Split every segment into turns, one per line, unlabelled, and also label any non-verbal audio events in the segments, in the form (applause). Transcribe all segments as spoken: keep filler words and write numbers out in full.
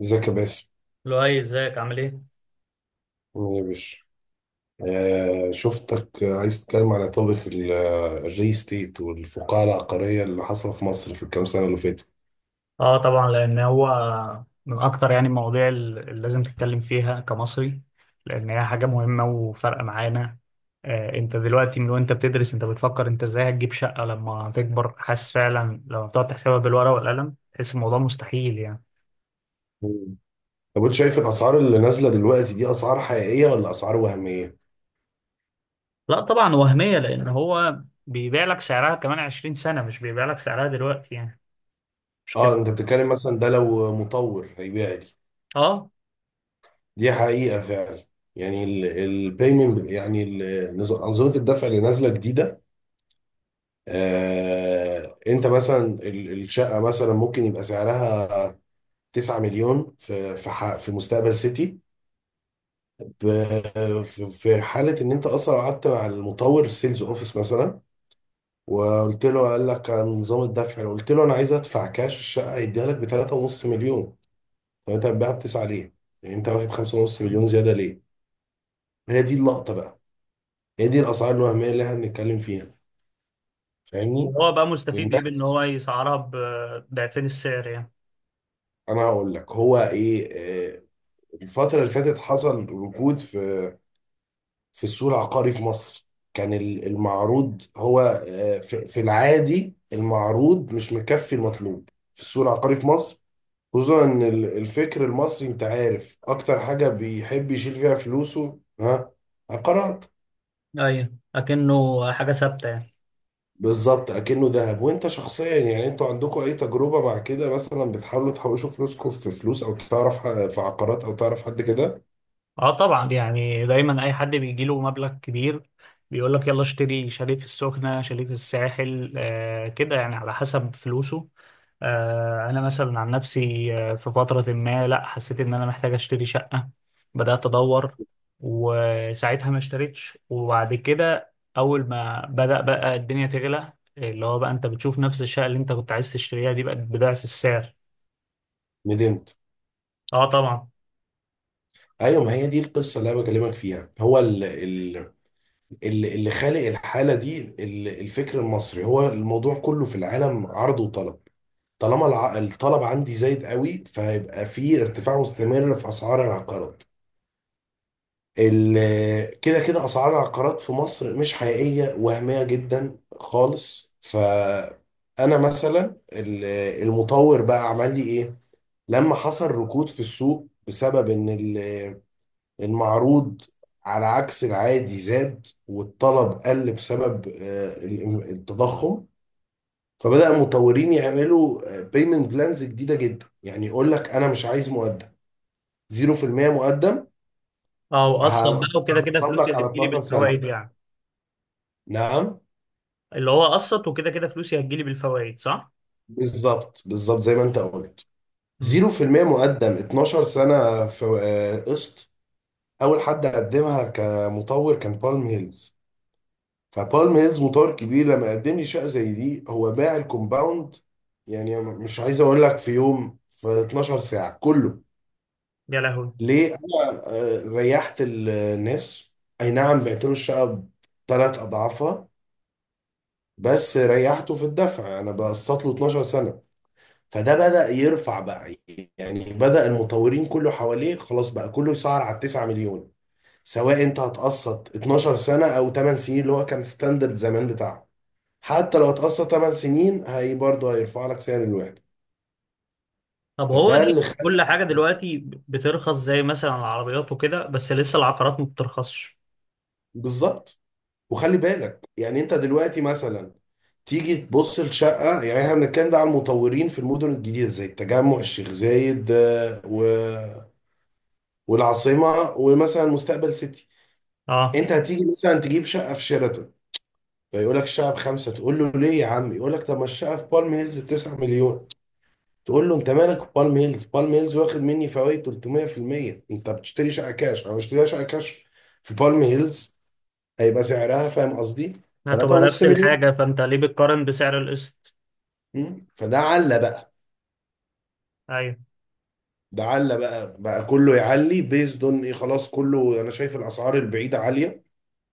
ازيك يا باسم.
لؤي، ازيك عامل ايه؟
عامل ايه يا باشا؟ آه شفتك. آه، عايز تتكلم على توبيك الري ستيت والفقاعة العقارية اللي حصل في مصر في الكام سنة اللي فاتوا.
اه، طبعا، لان هو من اكتر، يعني، المواضيع اللي لازم تتكلم فيها كمصري، لان هي حاجه مهمه وفارقه معانا. آه انت دلوقتي من وانت بتدرس، انت بتفكر انت ازاي هتجيب شقه لما تكبر؟ حاسس فعلا لما بتقعد تحسبها بالورقه والقلم تحس الموضوع مستحيل، يعني.
مم. طب انت شايف الاسعار اللي نازلة دلوقتي دي اسعار حقيقية ولا اسعار وهمية؟
لا، طبعا وهميه، لان هو بيبيع لك سعرها كمان عشرين سنه، مش بيبيع لك سعرها دلوقتي، يعني، مش كده.
اه، انت بتتكلم مثلا ده لو مطور هيبيع لي.
اه،
دي حقيقة فعلا. يعني البيمنت، يعني ال- نظ- أنظمة الدفع اللي نازلة جديدة. آه انت مثلا ال- الشقة مثلا ممكن يبقى سعرها 9 مليون في في ح- في مستقبل سيتي، ب- في في حاله ان انت اصلا قعدت مع المطور السيلز اوفيس مثلا، وقلت له، قال لك عن نظام الدفع، قلت له انا عايز ادفع كاش، الشقه هيديها لك ب تلاتة ونص مليون. طب انت هتبيعها ب تسعة ليه؟ يعني انت واخد خمسة ونصف مليون زياده ليه؟ هي دي اللقطه بقى، هي دي الاسعار الوهميه اللي احنا بنتكلم فيها. فاهمني؟
وهو بقى مستفيد ايه بان
والناس،
هو يسعرها بضعفين السعر يعني؟
انا هقول لك هو ايه. آه، الفتره اللي فاتت حصل ركود في في السوق العقاري في مصر. كان ال- المعروض هو، آه، في في العادي المعروض مش مكفي المطلوب في السوق العقاري في مصر، خصوصا ان ال- الفكر المصري، انت عارف اكتر حاجة بيحب يشيل فيها فلوسه، ها؟ عقارات.
ايوه، اكنه حاجه ثابته يعني.
بالظبط، اكنه ذهب. وانت شخصيا يعني، انتوا عندكم اي تجربة مع كده مثلا؟ بتحاولوا تحوشوا فلوسكم في فلوس او تعرف ح- في عقارات او تعرف حد كده؟
اه طبعا، يعني دايما اي حد بيجي له مبلغ كبير بيقول لك يلا اشتري شاليه في السخنه، شاليه في الساحل، آه كده يعني، على حسب فلوسه. آه انا مثلا عن نفسي، آه في فتره ما لا حسيت ان انا محتاج اشتري شقه، بدات ادور، وساعتها ما اشتريتش، وبعد كده اول ما بدا بقى الدنيا تغلى، اللي هو بقى انت بتشوف نفس الشقه اللي انت كنت عايز تشتريها دي بقت بضعف السعر.
ندمت؟
اه طبعا.
ايوه، ما هي دي القصة اللي انا بكلمك فيها. هو ال، اللي اللي خالق الحالة دي ال- الفكر المصري، هو الموضوع كله في العالم عرض وطلب. طالما الع- الطلب عندي زايد قوي، فهيبقى في ارتفاع مستمر في أسعار العقارات. ال- كده كده أسعار العقارات في مصر مش حقيقية، وهمية جدا خالص. فأنا مثلا ال- المطور بقى عمل لي إيه؟ لما حصل ركود في السوق بسبب إن المعروض، على عكس العادي، زاد والطلب قل بسبب آه، ال- التضخم. فبدأ المطورين يعملوا بيمنت بلانز جديدة جدا، يعني يقول لك أنا مش عايز مقدم. صفر في المية مقدم،
اه، وقسط
ه-
بقى، وكده كده
هحط
فلوسي
لك على
هتجيلي
اثنا عشر سنة.
بالفوائد يعني.
نعم.
اللي هو قسط، وكده كده فلوسي هتجيلي بالفوائد، صح؟
بالظبط بالظبط زي ما أنت قلت.
امم.
صفر في المئة مقدم، اتناشر سنة في آه، قسط. أول حد قدمها كمطور كان بالم هيلز. فبالم هيلز مطور كبير، لما قدم لي شقه زي دي هو باع الكومباوند. يعني مش عايز اقول لك في يوم، في اتناشر ساعة ساعه كله.
يا لهوي.
ليه؟ انا آه، ريحت الناس. اي نعم، بعت له الشقه بثلاث اضعافها، بس ريحته في الدفع، انا بقسط له اتناشر سنة سنه. فده بدأ يرفع بقى. يعني بدأ المطورين كله حواليه، خلاص بقى كله يسعر على تسعة مليون، سواء انت هتقسط اتناشر سنه او ثمانية سنين اللي هو كان ستاندرد زمان بتاعه. حتى لو هتقسط ثمانية سنين هي برضه هيرفع لك سعر الوحده.
طب هو
فده
ليه
اللي خ-
كل حاجة دلوقتي بترخص، زي مثلا العربيات وكده، بس لسه العقارات ما بترخصش؟
بالظبط. وخلي بالك يعني، انت دلوقتي مثلا تيجي تبص لشقه، يعني احنا بنتكلم ده على المطورين في المدن الجديده زي التجمع، الشيخ زايد، آه، و... والعاصمه ومثلا مستقبل سيتي.
اه،
انت هتيجي مثلا تجيب شقه في شيراتون، فيقول لك الشقه بخمسه، تقول له ليه يا عم، يقول لك طب ما الشقه في بالم هيلز تسعة مليون. تقول له انت مالك بالم هيلز؟ بالم هيلز واخد مني فوائد تلتمية في المية. انت بتشتري شقه كاش، انا بشتري شقه كاش في بالم هيلز، هيبقى سعرها، فاهم قصدي،
هتبقى
ثلاثة ونصف
نفس
مليون.
الحاجة، فانت ليه بتقارن بسعر القسط؟
مم. فده علّى بقى،
ايوه.
ده علّى بقى بقى كله يعلي، بيزد اون ايه، خلاص كله، انا شايف الاسعار البعيده عاليه،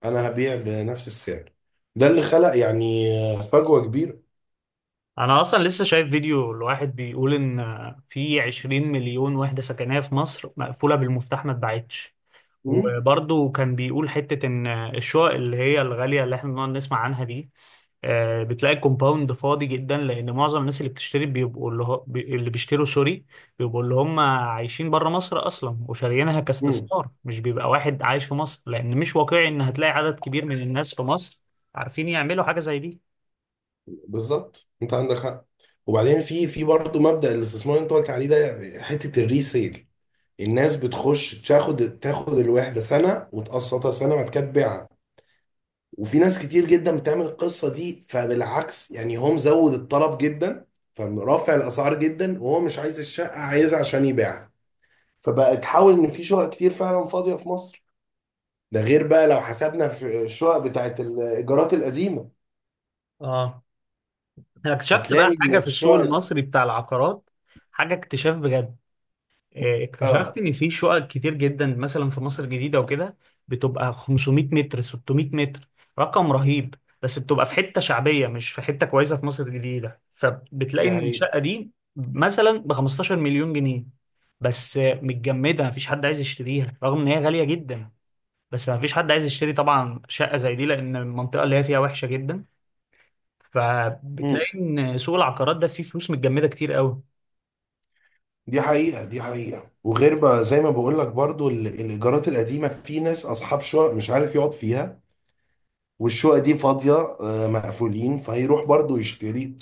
انا هبيع بنفس السعر. ده اللي خلق يعني فجوه كبيره.
انا اصلا لسه شايف فيديو لواحد بيقول ان في عشرين مليون وحدة سكنية في مصر مقفولة بالمفتاح ما اتباعتش.
مم.
وبرضه كان بيقول حتة إن الشقق اللي هي الغالية اللي إحنا بنقعد نسمع عنها دي، آه، بتلاقي الكومباوند فاضي جدا لان معظم الناس اللي بتشتري بيبقوا اللي هو بي- اللي بيشتروا، سوري، بيبقوا اللي هم عايشين بره مصر اصلا وشاريينها
مم.
كاستثمار، مش بيبقى واحد عايش في مصر، لان مش واقعي ان هتلاقي عدد كبير من الناس في مصر عارفين يعملوا حاجه زي دي.
بالظبط، انت عندك حق. وبعدين في في برضه مبدأ الاستثمار اللي انت قلت عليه ده، حته الريسيل. الناس بتخش تاخد تاخد الوحده سنه وتقسطها سنه، بعد كده تبيعها. وفي ناس كتير جدا بتعمل القصه دي، فبالعكس يعني هو مزود الطلب جدا، فرافع الاسعار جدا، وهو مش عايز الشقه، عايزها عشان يبيعها. فبقى تحاول ان في شقق كتير فعلا فاضيه في مصر. ده غير بقى لو حسبنا في الشقق بتاعت الايجارات القديمه.
اه، انا اكتشفت
هتلاقي
بقى
ان
حاجه في السوق
الشقق،
المصري بتاع العقارات، حاجه اكتشاف بجد. آه، اكتشفت
اه
ان في شقق كتير جدا مثلا في مصر الجديده وكده بتبقى خمسمائة متر، ستمائة متر، رقم رهيب، بس بتبقى في حته شعبيه مش في حته كويسه في مصر الجديده، فبتلاقي
دي
ان
حقيقه،
الشقه دي مثلا ب خمستاشر مليون جنيه. بس، آه، متجمده، مفيش حد عايز يشتريها رغم ان هي غاليه جدا. بس مفيش حد عايز يشتري طبعا شقه زي دي، لان المنطقه اللي هي فيها وحشه جدا. فبتلاقي ان سوق العقارات ده فيه فلوس متجمده كتير قوي.
دي حقيقة. دي حقيقة، وغير بقى زي ما بقول لك برضو ال- الإيجارات القديمة، في ناس أصحاب شقق مش عارف يقعد فيها، والشقق دي فاضية، آه، مقفولين، فيروح برضو يشتري.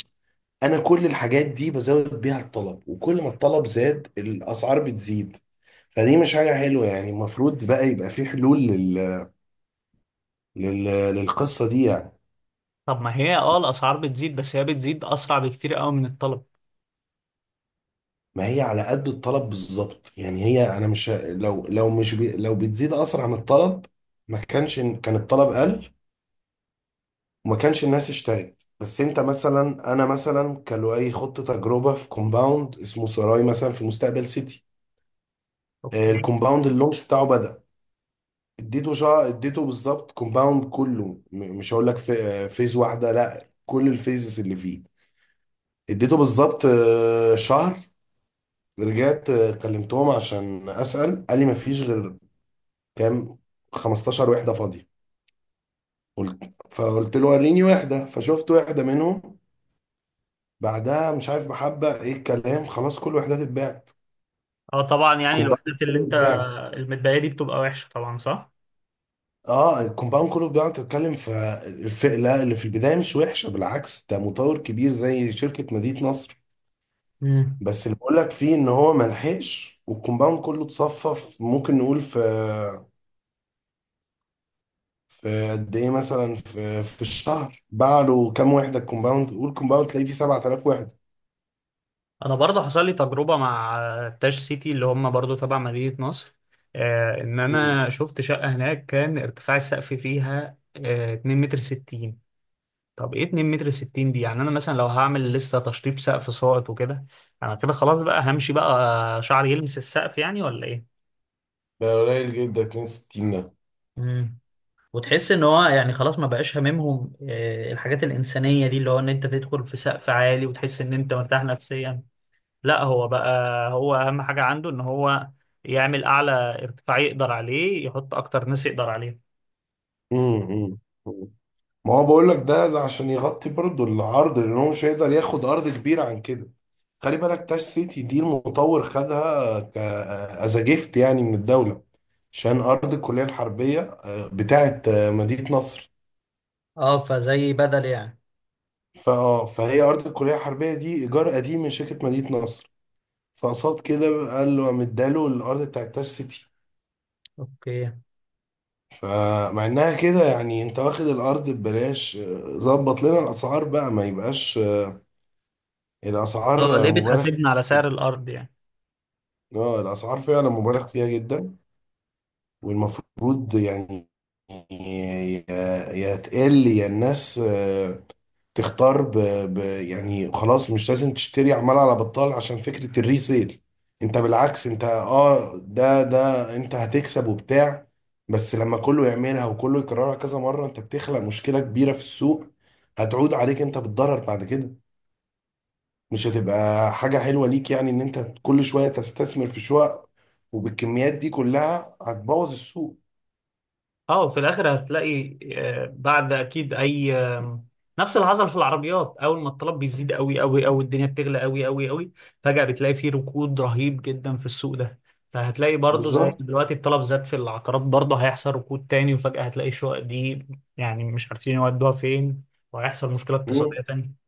أنا كل الحاجات دي بزود بيها الطلب، وكل ما الطلب زاد الأسعار بتزيد. فدي مش حاجة حلوة يعني، المفروض بقى يبقى في حلول لل... لل... للقصة دي يعني.
طب ما هي اه الاسعار بتزيد، بس هي بتزيد اسرع بكتير قوي من الطلب.
ما هي على قد الطلب بالظبط. يعني هي، أنا مش، لو لو مش بي... لو بتزيد أسرع من الطلب، ما كانش كان الطلب قل، وما كانش الناس اشترت. بس انت مثلا، انا مثلا كان له اي خطه تجربه في كومباوند اسمه سراي مثلا في مستقبل سيتي. آه،
اوكي.
الكومباوند اللونش بتاعه بدأ. اديته شا... اديته بالظبط، كومباوند كله، م- مش هقول لك في، آه، فيز واحده، لا، كل الفيزز اللي فيه. اديته بالظبط آه، شهر. رجعت آه، كلمتهم عشان اسال، قال لي ما فيش غير كام، خمستاشر وحده فاضيه. قلت فقلت له وريني وحده، فشفت وحده منهم. بعدها مش عارف محبة ايه الكلام، خلاص كل الوحدات اتباعت.
اه طبعا، يعني
كومباوند
الوحدات اللي
كله
انت
اتباع.
المتبقيه دي بتبقى وحشه طبعا، صح؟
اه، الكومباوند كله اتباع. انت بتتكلم في الفئة اللي في البداية، مش وحشة بالعكس، ده مطور كبير زي شركة مدينة نصر.
امم.
بس اللي بقول لك فيه ان هو ملحقش، والكومباوند كله اتصفف. ممكن نقول في في قد ايه مثلا، في في الشهر باع له كام وحدة، الكومباوند، قول كومباوند تلاقيه فيه سبعة آلاف وحدة.
انا برضه حصل لي تجربه مع تاج سيتي اللي هم برضه تبع مدينه نصر، آه ان
مم.
انا شفت شقه هناك كان ارتفاع السقف فيها آه اتنين متر ستين. طب ايه اتنين متر ستين دي يعني؟ انا مثلا لو هعمل لسه تشطيب سقف ساقط وكده، انا كده خلاص بقى همشي بقى شعري يلمس السقف يعني، ولا ايه؟
ده قليل جدا، اتنين وستين ده.
مم. وتحس ان هو يعني خلاص ما بقاش هاممهم آه، الحاجات الانسانيه دي، اللي هو ان انت تدخل في سقف عالي وتحس ان انت مرتاح نفسيا. لا هو بقى، هو اهم حاجه عنده ان هو يعمل اعلى ارتفاع يقدر عليه، يحط اكتر ناس يقدر عليه.
امم ما هو بقول لك ده، ده عشان يغطي برضه العرض، لان هو مش هيقدر ياخد ارض كبيره عن كده. خلي بالك تاش سيتي دي المطور خدها ك، از جيفت يعني من الدوله، عشان ارض الكليه الحربيه آه، بتاعه آه، مدينه نصر.
اه، فزي بدل يعني.
فاه فهي ارض الكليه الحربيه دي ايجار قديم من شركه مدينه نصر. فقصاد كده قال له، قام اداله الارض بتاعه تاش سيتي.
اوكي.
فمع انها كده يعني، انت واخد الارض ببلاش، آه، ظبط لنا الاسعار بقى، ما يبقاش آه،
اه،
الاسعار آه،
ليه
مبالغ
بتحاسبنا على
فيها.
سعر الارض يعني؟
اه الاسعار فعلا مبالغ فيها جدا، والمفروض يعني يا يا تقل، يا الناس آه، تختار ب... ب... يعني خلاص مش لازم تشتري عمال على بطال عشان فكرة الريسيل. انت بالعكس، انت اه، ده ده انت هتكسب وبتاع. بس لما كله يعملها وكله يكررها كذا مرة، انت بتخلق مشكلة كبيرة في السوق، هتعود عليك انت بالضرر بعد كده. مش هتبقى حاجة حلوة ليك يعني ان انت كل شوية تستثمر في شقق، وبالكميات دي كلها هتبوظ السوق.
اه، وفي الاخر هتلاقي، آه، بعد اكيد، اي آم، نفس اللي حصل في العربيات، اول ما الطلب بيزيد قوي قوي قوي الدنيا بتغلى قوي قوي قوي، فجأة بتلاقي فيه ركود رهيب جدا في السوق ده. فهتلاقي برضو زي
بالظبط.
دلوقتي الطلب زاد في العقارات، برضو هيحصل ركود تاني وفجأة هتلاقي الشقق دي يعني مش عارفين يودوها فين، وهيحصل مشكلة
مم.
اقتصادية تانية.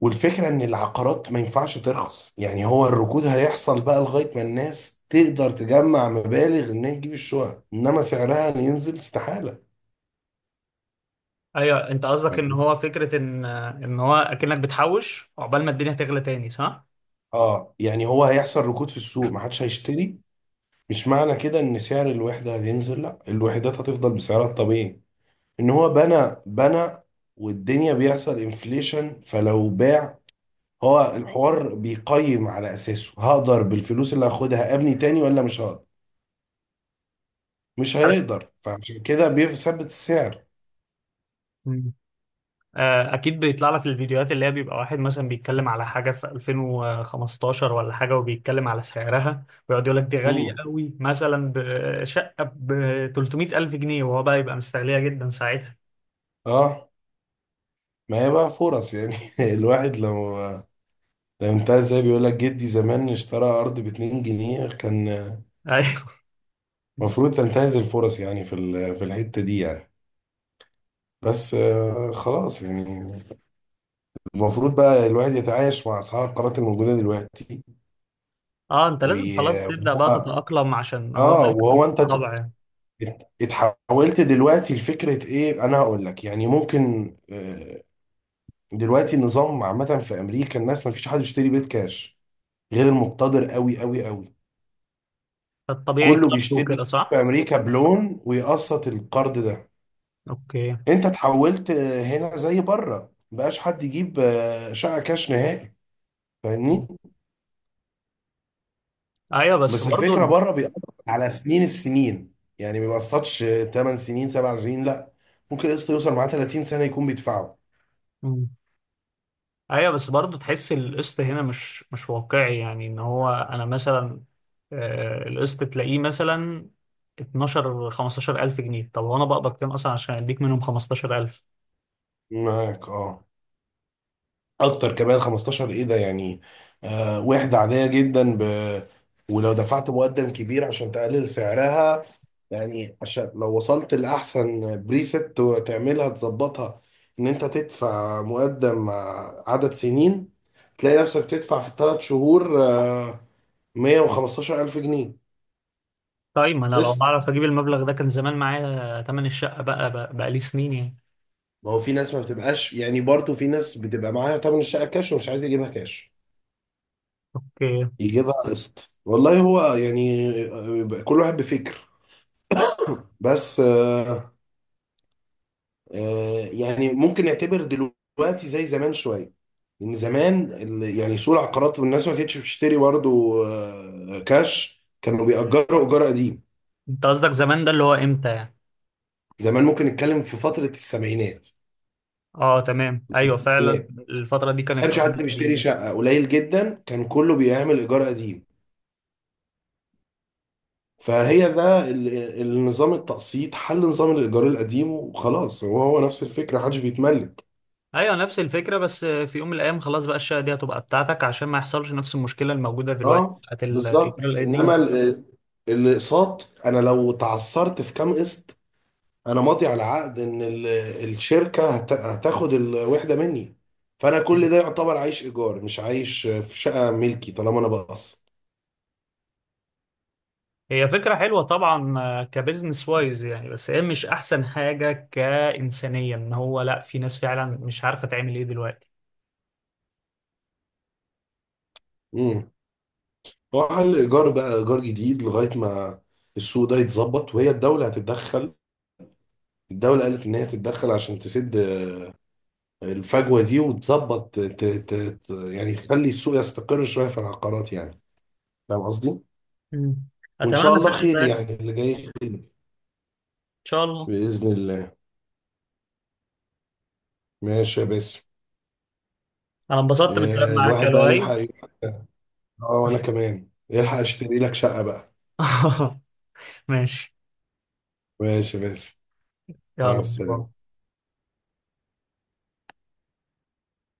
والفكرة ان العقارات ما ينفعش ترخص يعني، هو الركود هيحصل بقى لغاية ما الناس تقدر تجمع مبالغ انها تجيب الشقق، انما سعرها ينزل استحالة.
ايوه، انت قصدك ان
فاهم؟
هو فكرة ان آه، ان هو اكنك بتحوش عقبال ما الدنيا تغلى تاني، صح؟
اه، يعني هو هيحصل ركود في السوق، ما حدش هيشتري. مش معنى كده ان سعر الوحدة هينزل، لا، الوحدات هتفضل بسعرها الطبيعي. ان هو بنى بنى، والدنيا بيحصل انفليشن، فلو باع، هو الحوار بيقيم على اساسه، هقدر بالفلوس اللي هاخدها ابني تاني ولا مش هقدر. مش هيقدر، فعشان كده بيثبت السعر.
على- آه، اكيد بيطلع لك الفيديوهات اللي هي بيبقى واحد مثلا بيتكلم على حاجه في الفين وخمستاشر ولا حاجه، وبيتكلم على سعرها ويقعد يقول لك دي غاليه
امم.
قوي، مثلا بشقه ب ثلاثمائة الف جنيه، وهو بقى يبقى مستغليها جدا ساعتها.
اه، ما هي بقى فرص يعني (laughs) الواحد لو، لو انتهى، زي بيقول لك جدي زمان اشترى ارض ب اتنين جنيه كان.
(laughs) ايوه.
المفروض تنتهز الفرص يعني في ال- في الحتة دي يعني. بس آه، خلاص يعني، المفروض بقى الواحد يتعايش مع اسعار القرارات الموجودة دلوقتي.
اه، انت لازم خلاص تبدا بقى
وهو،
تتاقلم، عشان هو ده
اه وهو انت ات-
الطبع يعني.
ات- اتحولت دلوقتي لفكره ايه، انا هقول لك يعني ممكن، آه، دلوقتي النظام عامه في امريكا الناس ما فيش حد بيشتري بيت كاش غير المقتدر قوي قوي قوي.
الطبيعي
كله
كارد
بيشتري
وكده، صح.
في امريكا بلون، ويقسط القرض ده.
اوكي.
انت اتحولت آه، هنا زي بره، مبقاش حد يجيب آه، شقه كاش نهائي، فاهمني.
ايوه بس
بس
برضو
الفكره بره بيقسط على سنين السنين يعني، ما بيقسطش ثمانية سنين، سبع سنين، لا، ممكن القسط يوصل معاه تلاتين سنه يكون بيدفعه.
ال... ايوه بس برضه تحس القسط هنا مش مش واقعي يعني، ان هو انا مثلا، آه، القسط تلاقيه مثلا اتناشر خمستاشر الف جنيه. طب هو انا بقبض كام اصلا عشان اديك منهم خمستاشر الف؟
معاك اه، اكتر كمان، خمستاشر ايه ده يعني، آه وحده عاديه جدا ب، ولو دفعت مقدم كبير عشان تقلل سعرها، يعني عشان لو وصلت لاحسن بريست تعملها تظبطها، ان انت تدفع مقدم مع عدد سنين، تلاقي نفسك تدفع في الثلاث شهور آه، مية وخمستاشر ألف جنيه
طيب ما انا لو
قسط.
بعرف اجيب المبلغ ده كان زمان معايا تمن الشقه، بقى بقى, بقى لي سنين يعني.
ما هو في ناس ما بتبقاش، يعني برضه في ناس بتبقى معاها تمن الشقه كاش ومش عايز يجيبها كاش،
اوكي.
يجيبها قسط. والله هو يعني آه، كل واحد بفكر. بس آه، آه، يعني ممكن نعتبر دلوقتي زي زمان شويه. لان زمان ال- يعني سوق العقارات والناس ما كانتش بتشتري برضه آه، كاش، كانوا بيأجروا ايجار قديم.
انت قصدك زمان ده اللي هو امتى يعني؟
زمان ممكن نتكلم في فتره السبعينات
اه تمام، ايوه
والستينات،
فعلا.
ما
الفتره دي كان
كانش
القانون
حد بيشتري
القديم.
شقه، قليل جدا، كان كله بيعمل ايجار قديم. فهي ده ال- النظام التقسيط حل نظام الإيجار القديم، وخلاص هو هو نفس الفكرة، محدش بيتملك.
ايوه، نفس الفكره، بس في يوم من الايام خلاص بقى الشقه دي هتبقى بتاعتك، عشان ما يحصلش نفس المشكله الموجوده دلوقتي
اه
بتاعت الايجار
بالظبط، انما
القديم.
ال- الاقساط، انا لو تعثرت في كام قسط، انا ماضي على عقد ان ال- الشركة هت- هتاخد الوحدة مني. فانا كل ده يعتبر عايش ايجار، مش عايش في شقة ملكي طالما انا بقسط.
هي فكرة حلوة طبعا، آه، كبزنس وايز يعني، بس هي مش أحسن حاجة كإنسانية، إن هو لأ، في ناس فعلا مش عارفة تعمل إيه دلوقتي.
امم. هو حل ايجار بقى، ايجار جديد لغاية ما السوق ده يتظبط، وهي الدولة هتتدخل. الدولة قالت ان هي هتتدخل عشان تسد الفجوه دي وتظبط ت- ت- ت- يعني تخلي السوق يستقر شويه في العقارات يعني. فاهم قصدي؟
مم.
وان
أتمنى
شاء الله
فعلا
خير،
ده يحصل.
يعني اللي جاي خير،
إن شاء الله.
باذن الله. ماشي يا باسم.
أنا انبسطت بالكلام
آه،
معاك يا
الواحد بقى يلحق
لؤي.
يلحق- اه، وانا كمان يلحق اشتري لك شقه بقى.
(laughs) ماشي.
ماشي يا باسم. مع
يلا، باي.
السلامه.